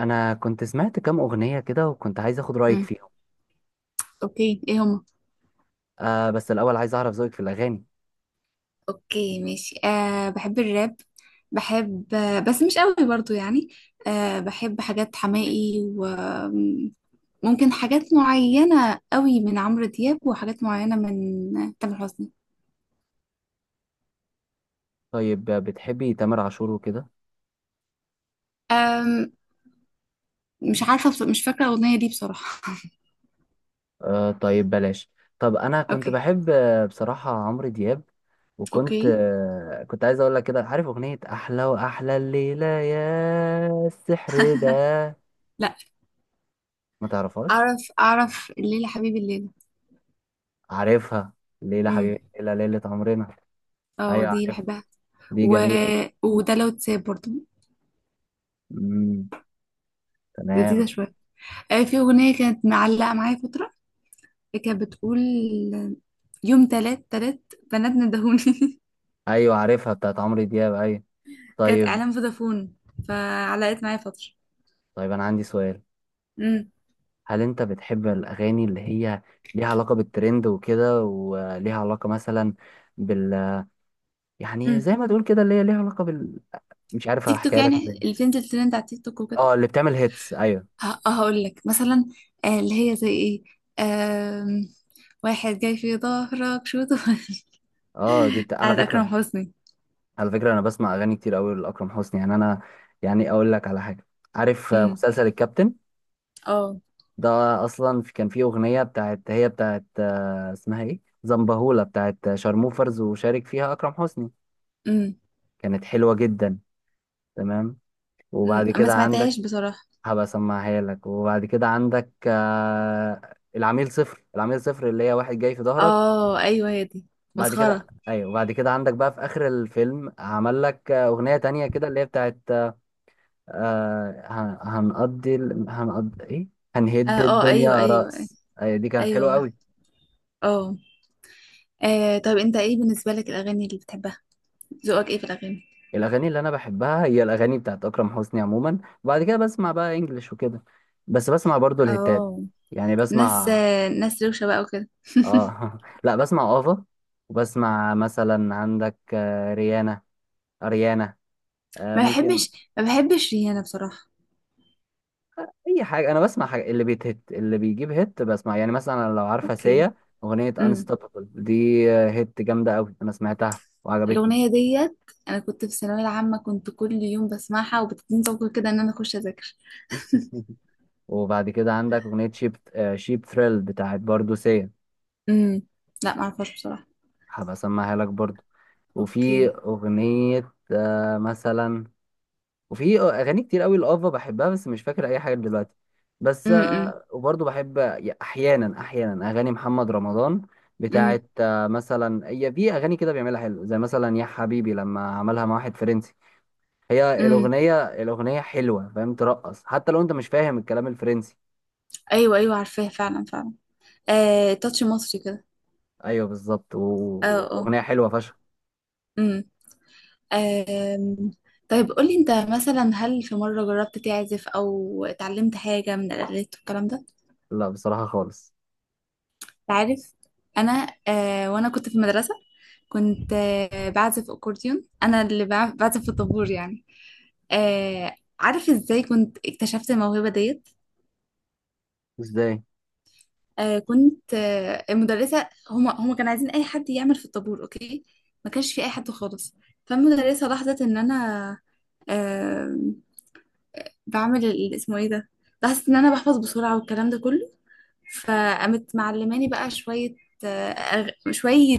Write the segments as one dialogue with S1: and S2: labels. S1: انا كنت سمعت كام اغنيه كده وكنت عايز اخد رايك
S2: امم.
S1: فيهم.
S2: اوكي، ايه هما؟
S1: بس الاول عايز اعرف ذوقك في الاغاني.
S2: اوكي، ماشي. بحب الراب. بحب، بس مش قوي برضو يعني. بحب حاجات حماقي، وممكن حاجات معينة قوي من عمرو دياب، وحاجات معينة من تامر حسني.
S1: طيب بتحبي تامر عاشور وكده؟
S2: أم مش عارفة، مش فاكرة الأغنية دي بصراحة.
S1: آه طيب بلاش. طب انا كنت
S2: اوكي.
S1: بحب بصراحه عمرو دياب، وكنت
S2: اوكي.
S1: آه كنت عايز اقول لك كده، عارف اغنيه احلى واحلى الليله يا السحر ده؟
S2: لا،
S1: ما تعرفهاش؟
S2: أعرف أعرف الليلة حبيبي الليلة.
S1: عارفها. ليلى
S2: امم.
S1: حبيبي ليلى ليله عمرنا.
S2: اه،
S1: ايوه
S2: دي
S1: عارفها.
S2: بحبها.
S1: دي
S2: و...
S1: جميله.
S2: وده لو تساب برضو.
S1: امم.
S2: لذيذة
S1: تمام.
S2: شوية. في أغنية كانت معلقة معايا فترة، كانت بتقول، يوم تلات تلات بنات ندهوني.
S1: ايوه عارفها بتاعت عمرو دياب، ايوه.
S2: كانت
S1: طيب.
S2: اعلان فودافون. فعلقت معايا فتره.
S1: طيب انا عندي سؤال.
S2: امم.
S1: هل انت بتحب الاغاني اللي هي ليها علاقة بالترند وكده، وليها علاقة مثلا بال، يعني
S2: امم.
S1: زي ما تقول كده اللي هي ليها علاقة بال، مش عارف
S2: تيك توك،
S1: احكيها لك ازاي.
S2: يعني اللي بتنزل ترند على تيك توك وكده.
S1: اه اللي بتعمل هيتس، ايوه.
S2: هقول لك مثلا، اللي هي زي ايه؟ آم، واحد جاي في ظهرك شو طول.
S1: اه دي بتاع على
S2: بتاعت اكرم
S1: فكرة.
S2: حسني.
S1: على فكرة انا بسمع اغاني كتير قوي لاكرم حسني، يعني انا يعني اقول لك على حاجة. عارف
S2: امم.
S1: مسلسل الكابتن
S2: اه.
S1: ده؟ اصلا كان فيه اغنية بتاعت اسمها ايه، زنبهولة، بتاعت شارموفرز وشارك فيها اكرم حسني.
S2: امم.
S1: كانت حلوة جدا. تمام.
S2: امم،
S1: وبعد
S2: ما
S1: كده عندك،
S2: سمعتهاش بصراحه.
S1: هبقى اسمعها لك. وبعد كده عندك العميل صفر. العميل صفر اللي هي واحد جاي في ظهرك.
S2: اه، ايوه هي دي.
S1: بعد كده
S2: مسخره.
S1: ايوه. وبعد كده عندك بقى في اخر الفيلم، عمل لك اغنية تانية كده اللي هي بتاعت هنقضي ايه،
S2: اه.
S1: هنهد
S2: آه، ايوه
S1: الدنيا
S2: ايوه.
S1: رأس. أيوة دي كانت حلوة
S2: ايوه.
S1: قوي.
S2: اه. طب انت ايه بالنسبه لك الاغاني اللي بتحبها؟ ذوقك ايه في الاغاني؟
S1: الاغاني اللي انا بحبها هي الاغاني بتاعت اكرم حسني عموما. وبعد كده بسمع بقى انجلش وكده، بس بسمع برضو الهتات.
S2: اه.
S1: يعني
S2: ناس
S1: بسمع،
S2: ناس روشه بقى وكده.
S1: اه. لا بسمع افا. وبسمع مثلا عندك ريانا، اريانا،
S2: ما
S1: ممكن
S2: بحبش، ما بحبش ريانة بصراحه.
S1: اي حاجه. انا بسمع حاجة اللي بيتهت، اللي بيجيب هيت، بسمع يعني مثلا لو عارفه
S2: اوكي.
S1: سيا، اغنيه
S2: امم.
S1: انستوبابل دي هيت جامده قوي، انا سمعتها وعجبتني.
S2: الاغنيه ديت، انا كنت في الثانويه العامه، كنت كل يوم بسمعها وبتديني طاقه كده ان انا اخش اذاكر.
S1: وبعد كده عندك اغنيه شيب ثريل بتاعت برضو سيا.
S2: امم. لا، ما اعرفهاش بصراحه.
S1: هبقى اسمعها لك برضو. وفي
S2: اوكي.
S1: اغنيه مثلا، وفي اغاني كتير قوي لافا بحبها، بس مش فاكر اي حاجه دلوقتي. بس
S2: امم.
S1: وبرضه بحب احيانا احيانا اغاني محمد رمضان،
S2: امم.
S1: بتاعت مثلا. هي في اغاني كده بيعملها حلو، زي مثلا يا حبيبي لما عملها مع واحد فرنسي. هي
S2: امم.
S1: الاغنيه حلوه، فاهم، ترقص حتى لو انت مش فاهم الكلام الفرنسي.
S2: ايوه ايوه، عارفاها فعلا فعلا. آه، تاتش مصري كده.
S1: ايوه بالظبط،
S2: اه اه.
S1: والاغنيه حلوه فشخ.
S2: امم. آم، طيب، قولي، انت مثلا هل في مره جربت تعزف او اتعلمت حاجه من الالات والكلام ده؟
S1: لا بصراحه خالص.
S2: تعرف؟ انا وانا كنت في المدرسه، كنت بعزف اكورديون، انا اللي بعزف في الطابور يعني. آه. عارف ازاي كنت اكتشفت الموهبه ديت؟
S1: ازاي؟
S2: كنت المدرسه هما كانوا عايزين اي حد يعمل في الطابور، اوكي. ما كانش في اي حد خالص. فالمدرسه لاحظت ان انا آه بعمل اسمه ايه ده، لاحظت ان انا بحفظ بسرعه والكلام ده كله. فقامت معلماني بقى شوية، آه، شوية،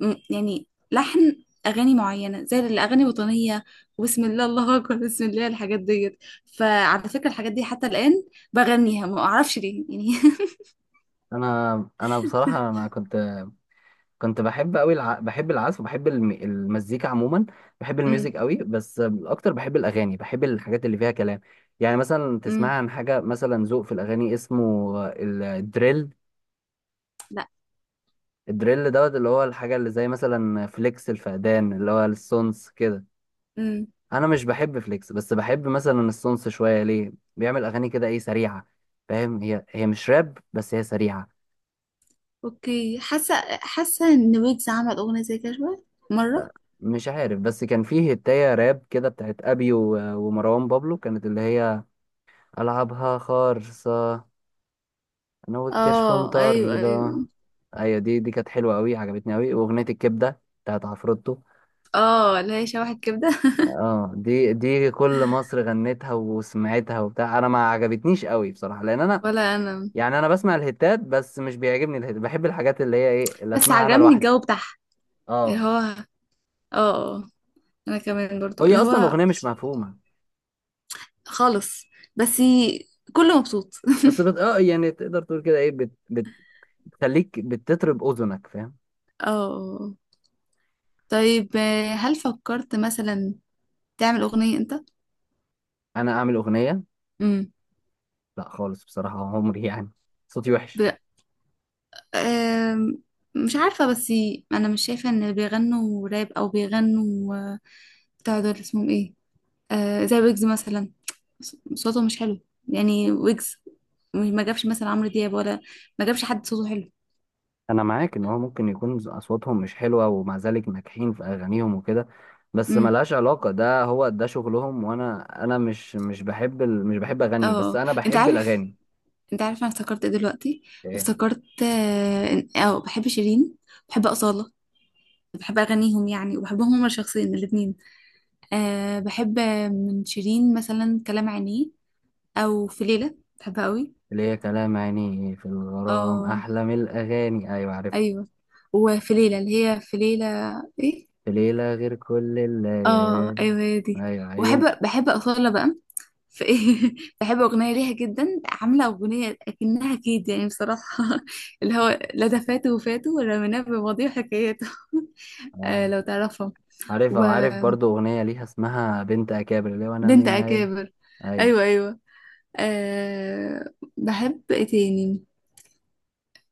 S2: يعني لحن اغاني معينه زي الاغاني الوطنيه، وبسم الله، الله اكبر، بسم الله، الحاجات ديت. فعلى فكره، الحاجات دي حتى الان بغنيها، ما اعرفش ليه يعني.
S1: انا بصراحه انا كنت بحب قوي بحب العزف، وبحب المزيكا عموما. بحب
S2: امم.
S1: الميوزك قوي، بس اكتر بحب الاغاني، بحب الحاجات اللي فيها كلام. يعني مثلا تسمع
S2: امم.
S1: عن حاجه مثلا، ذوق في الاغاني اسمه الدريل.
S2: لا.
S1: الدريل دوت، اللي هو الحاجه اللي زي مثلا فليكس الفقدان، اللي هو السونس كده.
S2: امم.
S1: انا مش بحب فليكس، بس بحب مثلا السونس شويه، ليه بيعمل اغاني كده ايه، سريعه. فاهم، هي مش راب بس هي سريعه.
S2: اوكي، حاسه ان ويجز عمل اغنيه زي كده شويه. مره.
S1: مش عارف، بس كان فيه هتايه راب كده بتاعت ابي و... ومروان بابلو، كانت اللي هي ألعبها خالصة، أنا والكشف
S2: اه، ايوه
S1: مطر ده.
S2: ايوه.
S1: أيوة دي كانت حلوة أوي، عجبتني أوي، وأغنية الكبدة بتاعت عفروتو.
S2: اه، اللي هي شبح الكبده.
S1: اه دي كل مصر غنتها وسمعتها وبتاع. أنا ما عجبتنيش أوي بصراحة، لأن أنا
S2: ولا انا.
S1: يعني أنا بسمع الهيتات بس مش بيعجبني الهيت، بحب الحاجات اللي هي إيه اللي
S2: بس
S1: أسمعها أنا
S2: عجبني
S1: لوحدي.
S2: الجو بتاعها، اللي هو،
S1: اه
S2: اه، آه، انا كمان برضو،
S1: هي
S2: اللي
S1: أصلا
S2: هو،
S1: الأغنية مش مفهومة.
S2: خالص. بس كله مبسوط.
S1: بس بت... اه يعني تقدر تقول كده إيه، بتخليك بتطرب أذنك، فاهم.
S2: اه. آه. طيب، هل فكرت مثلا تعمل أغنية أنت؟
S1: أنا أعمل أغنية؟
S2: امم.
S1: لا خالص بصراحة، عمري يعني، صوتي وحش.
S2: ب... آم، مش عارفة، بس أنا مش شايفة إن اللي بيغنوا راب أو بيغنوا، بتاع دول اسمهم إيه؟ زي ويجز مثلا، صوته مش حلو، يعني ويجز ما جابش مثلا عمرو دياب، ولا ما جابش حد صوته حلو.
S1: انا معاك ان هو ممكن يكون اصواتهم مش حلوه، ومع ذلك ناجحين في اغانيهم وكده، بس
S2: امم.
S1: ملهاش علاقه، ده هو ده شغلهم. وانا مش بحب
S2: اه.
S1: اغني، بس
S2: آه.
S1: انا
S2: انت
S1: بحب
S2: عارف
S1: الاغاني.
S2: انت عارف انا افتكرت ايه دلوقتي؟
S1: ايه؟
S2: افتكرت، بحب شيرين، بحب أصالة، بحب اغانيهم يعني، وبحبهم هما شخصيا الاتنين. بحب من شيرين مثلا كلام عينيه، او في ليلة بحبها قوي.
S1: ليه كلام عيني في الغرام
S2: اه،
S1: احلى من الاغاني. ايوه عارف.
S2: ايوه. وفي ليلة اللي هي في ليلة، ايه؟
S1: في ليله غير كل
S2: اه،
S1: الليالي.
S2: ايوه هي دي.
S1: ايوه،
S2: وبحب
S1: عيون.
S2: بحب أصالة بقى. في ايه؟ بحب أغنية ليها جدا، عاملة أغنية أكنها كيد يعني بصراحة. اللي هو لا ده فاته وفاته ولا مناه بماضيه وحكاياته. آه،
S1: اه
S2: لو تعرفها.
S1: عارفها، وعارف
S2: وبنت
S1: برضو اغنيه ليها اسمها بنت اكابر، اللي هو انا مين عيل.
S2: أكابر.
S1: ايوه.
S2: أيوه أيوه. آه، بحب ايه تاني؟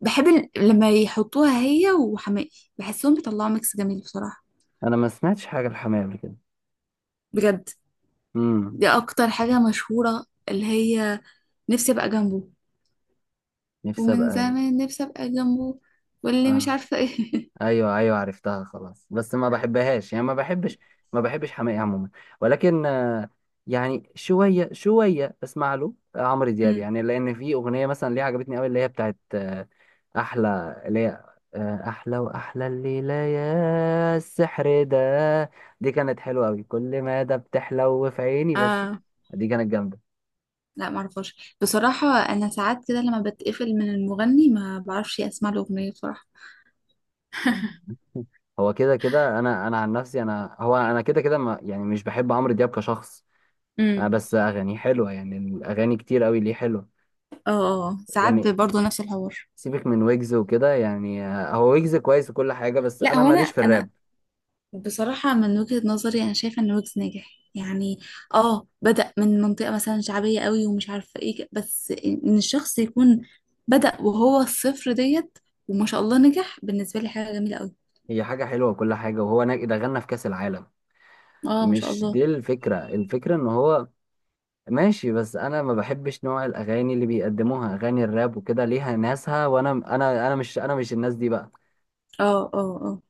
S2: بحب لما يحطوها هي وحماقي بحسهم بيطلعوا ميكس جميل بصراحة.
S1: انا ما سمعتش حاجه الحماية قبل كده.
S2: بجد.
S1: امم.
S2: دي اكتر حاجة مشهورة، اللي هي نفسي ابقى جنبه،
S1: نفسي
S2: ومن
S1: ابقى.
S2: زمان نفسي ابقى جنبه، واللي مش
S1: آه.
S2: عارفة ايه.
S1: ايوه ايوه عرفتها، خلاص، بس ما بحبهاش، يعني ما بحبش، ما بحبش حماقي عموما. ولكن يعني شويه شويه اسمع له عمرو دياب،
S2: أمم.
S1: يعني لان في اغنيه مثلا ليه عجبتني قوي، اللي هي بتاعت احلى اللي هي احلى واحلى الليله يا السحر ده. دي كانت حلوه قوي، كل ما ده بتحلو في عيني بس.
S2: اه.
S1: دي كانت جامده.
S2: لا، معرفهاش بصراحة. انا ساعات كده لما بتقفل من المغني، ما بعرفش اسمع له اغنية بصراحة.
S1: هو كده كده، انا عن نفسي، انا كده كده، ما يعني مش بحب عمرو دياب كشخص. آه
S2: امم.
S1: بس اغاني حلوه، يعني الاغاني كتير قوي ليه حلوه.
S2: اه. ساعات
S1: يعني
S2: برضه نفس الحوار.
S1: سيبك من ويجز وكده، يعني هو ويجز كويس وكل حاجه، بس
S2: لا،
S1: انا
S2: هو انا
S1: ماليش في
S2: انا
S1: الراب.
S2: بصراحة من وجهة نظري، أنا شايفة إن ويجز ناجح يعني. اه، بدأ من منطقة مثلا شعبية قوي ومش عارفة ايه، بس إن الشخص يكون بدأ وهو الصفر ديت، وما شاء الله نجح. بالنسبة لي حاجة جميلة قوي.
S1: هي حاجه حلوه وكل حاجه، وهو ده غنى في كاس العالم.
S2: اه، ما شاء
S1: مش
S2: الله.
S1: دي الفكره، الفكره ان هو ماشي، بس انا ما بحبش نوع الاغاني اللي بيقدموها، اغاني الراب وكده ليها ناسها، وانا انا مش الناس دي بقى.
S2: اه اه اه.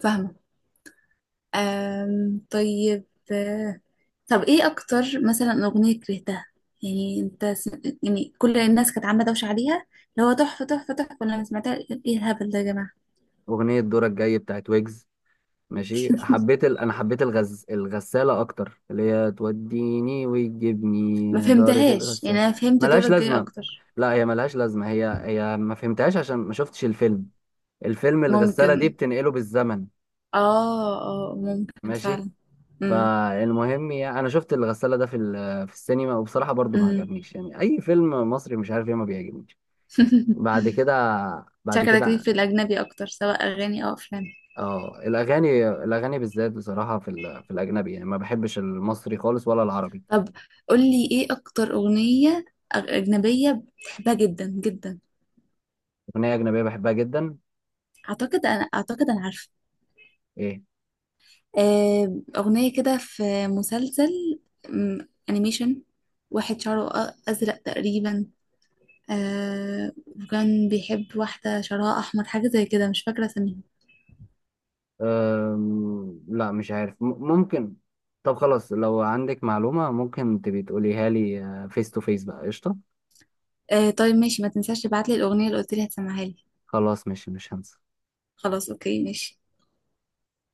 S2: فاهمة. طيب، آه، طب ايه أكتر مثلا أغنية كرهتها؟ يعني انت يعني كل الناس كانت عاملة دوشة عليها، اللي هو تحفة تحفة تحفة، لما سمعتها ايه الهبل ده يا جماعة؟
S1: اغنيه دورك جاي بتاعت ويجز، ماشي. حبيت انا حبيت الغساله اكتر، اللي هي توديني
S2: ما
S1: وتجيبني دارة
S2: فهمتهاش يعني،
S1: الغسالة.
S2: انا فهمت
S1: ملهاش
S2: دورك جاي
S1: لازمه.
S2: اكتر.
S1: لا هي ملهاش لازمه، هي ما فهمتهاش عشان ما شفتش الفيلم. الفيلم الغساله دي
S2: ممكن.
S1: بتنقله بالزمن،
S2: اه اه، ممكن
S1: ماشي.
S2: فعلا. امم.
S1: فالمهم يعني انا شفت الغساله ده في السينما، وبصراحه برضو ما
S2: امم.
S1: عجبنيش. يعني اي فيلم مصري مش عارف ايه ما بيعجبنيش. بعد كده بعد
S2: شكلك ليك
S1: كده
S2: في الاجنبي اكتر، سواء اغاني او افلام.
S1: اه الاغاني بالذات بصراحه في الاجنبي، يعني ما بحبش المصري خالص ولا العربي.
S2: طب، قولي ايه اكتر اغنية اجنبية بتحبها جدا جدا؟
S1: أغنية أجنبية بحبها جدا.
S2: اعتقد انا عارفة.
S1: إيه؟
S2: اغنية كده في مسلسل، انيميشن، واحد شعره ازرق تقريبا، وكان بيحب واحدة شعرها أحمر حاجة زي كده، مش فاكرة اسمها.
S1: لا مش عارف ممكن. طب خلاص لو عندك معلومة ممكن تبي تقوليها لي فيس تو فيس بقى، قشطة.
S2: آه، طيب ماشي، ما تنساش تبعت لي الأغنية اللي قلت لي هتسمعها لي.
S1: خلاص ماشي مش هنسى.
S2: خلاص، أوكي، ماشي.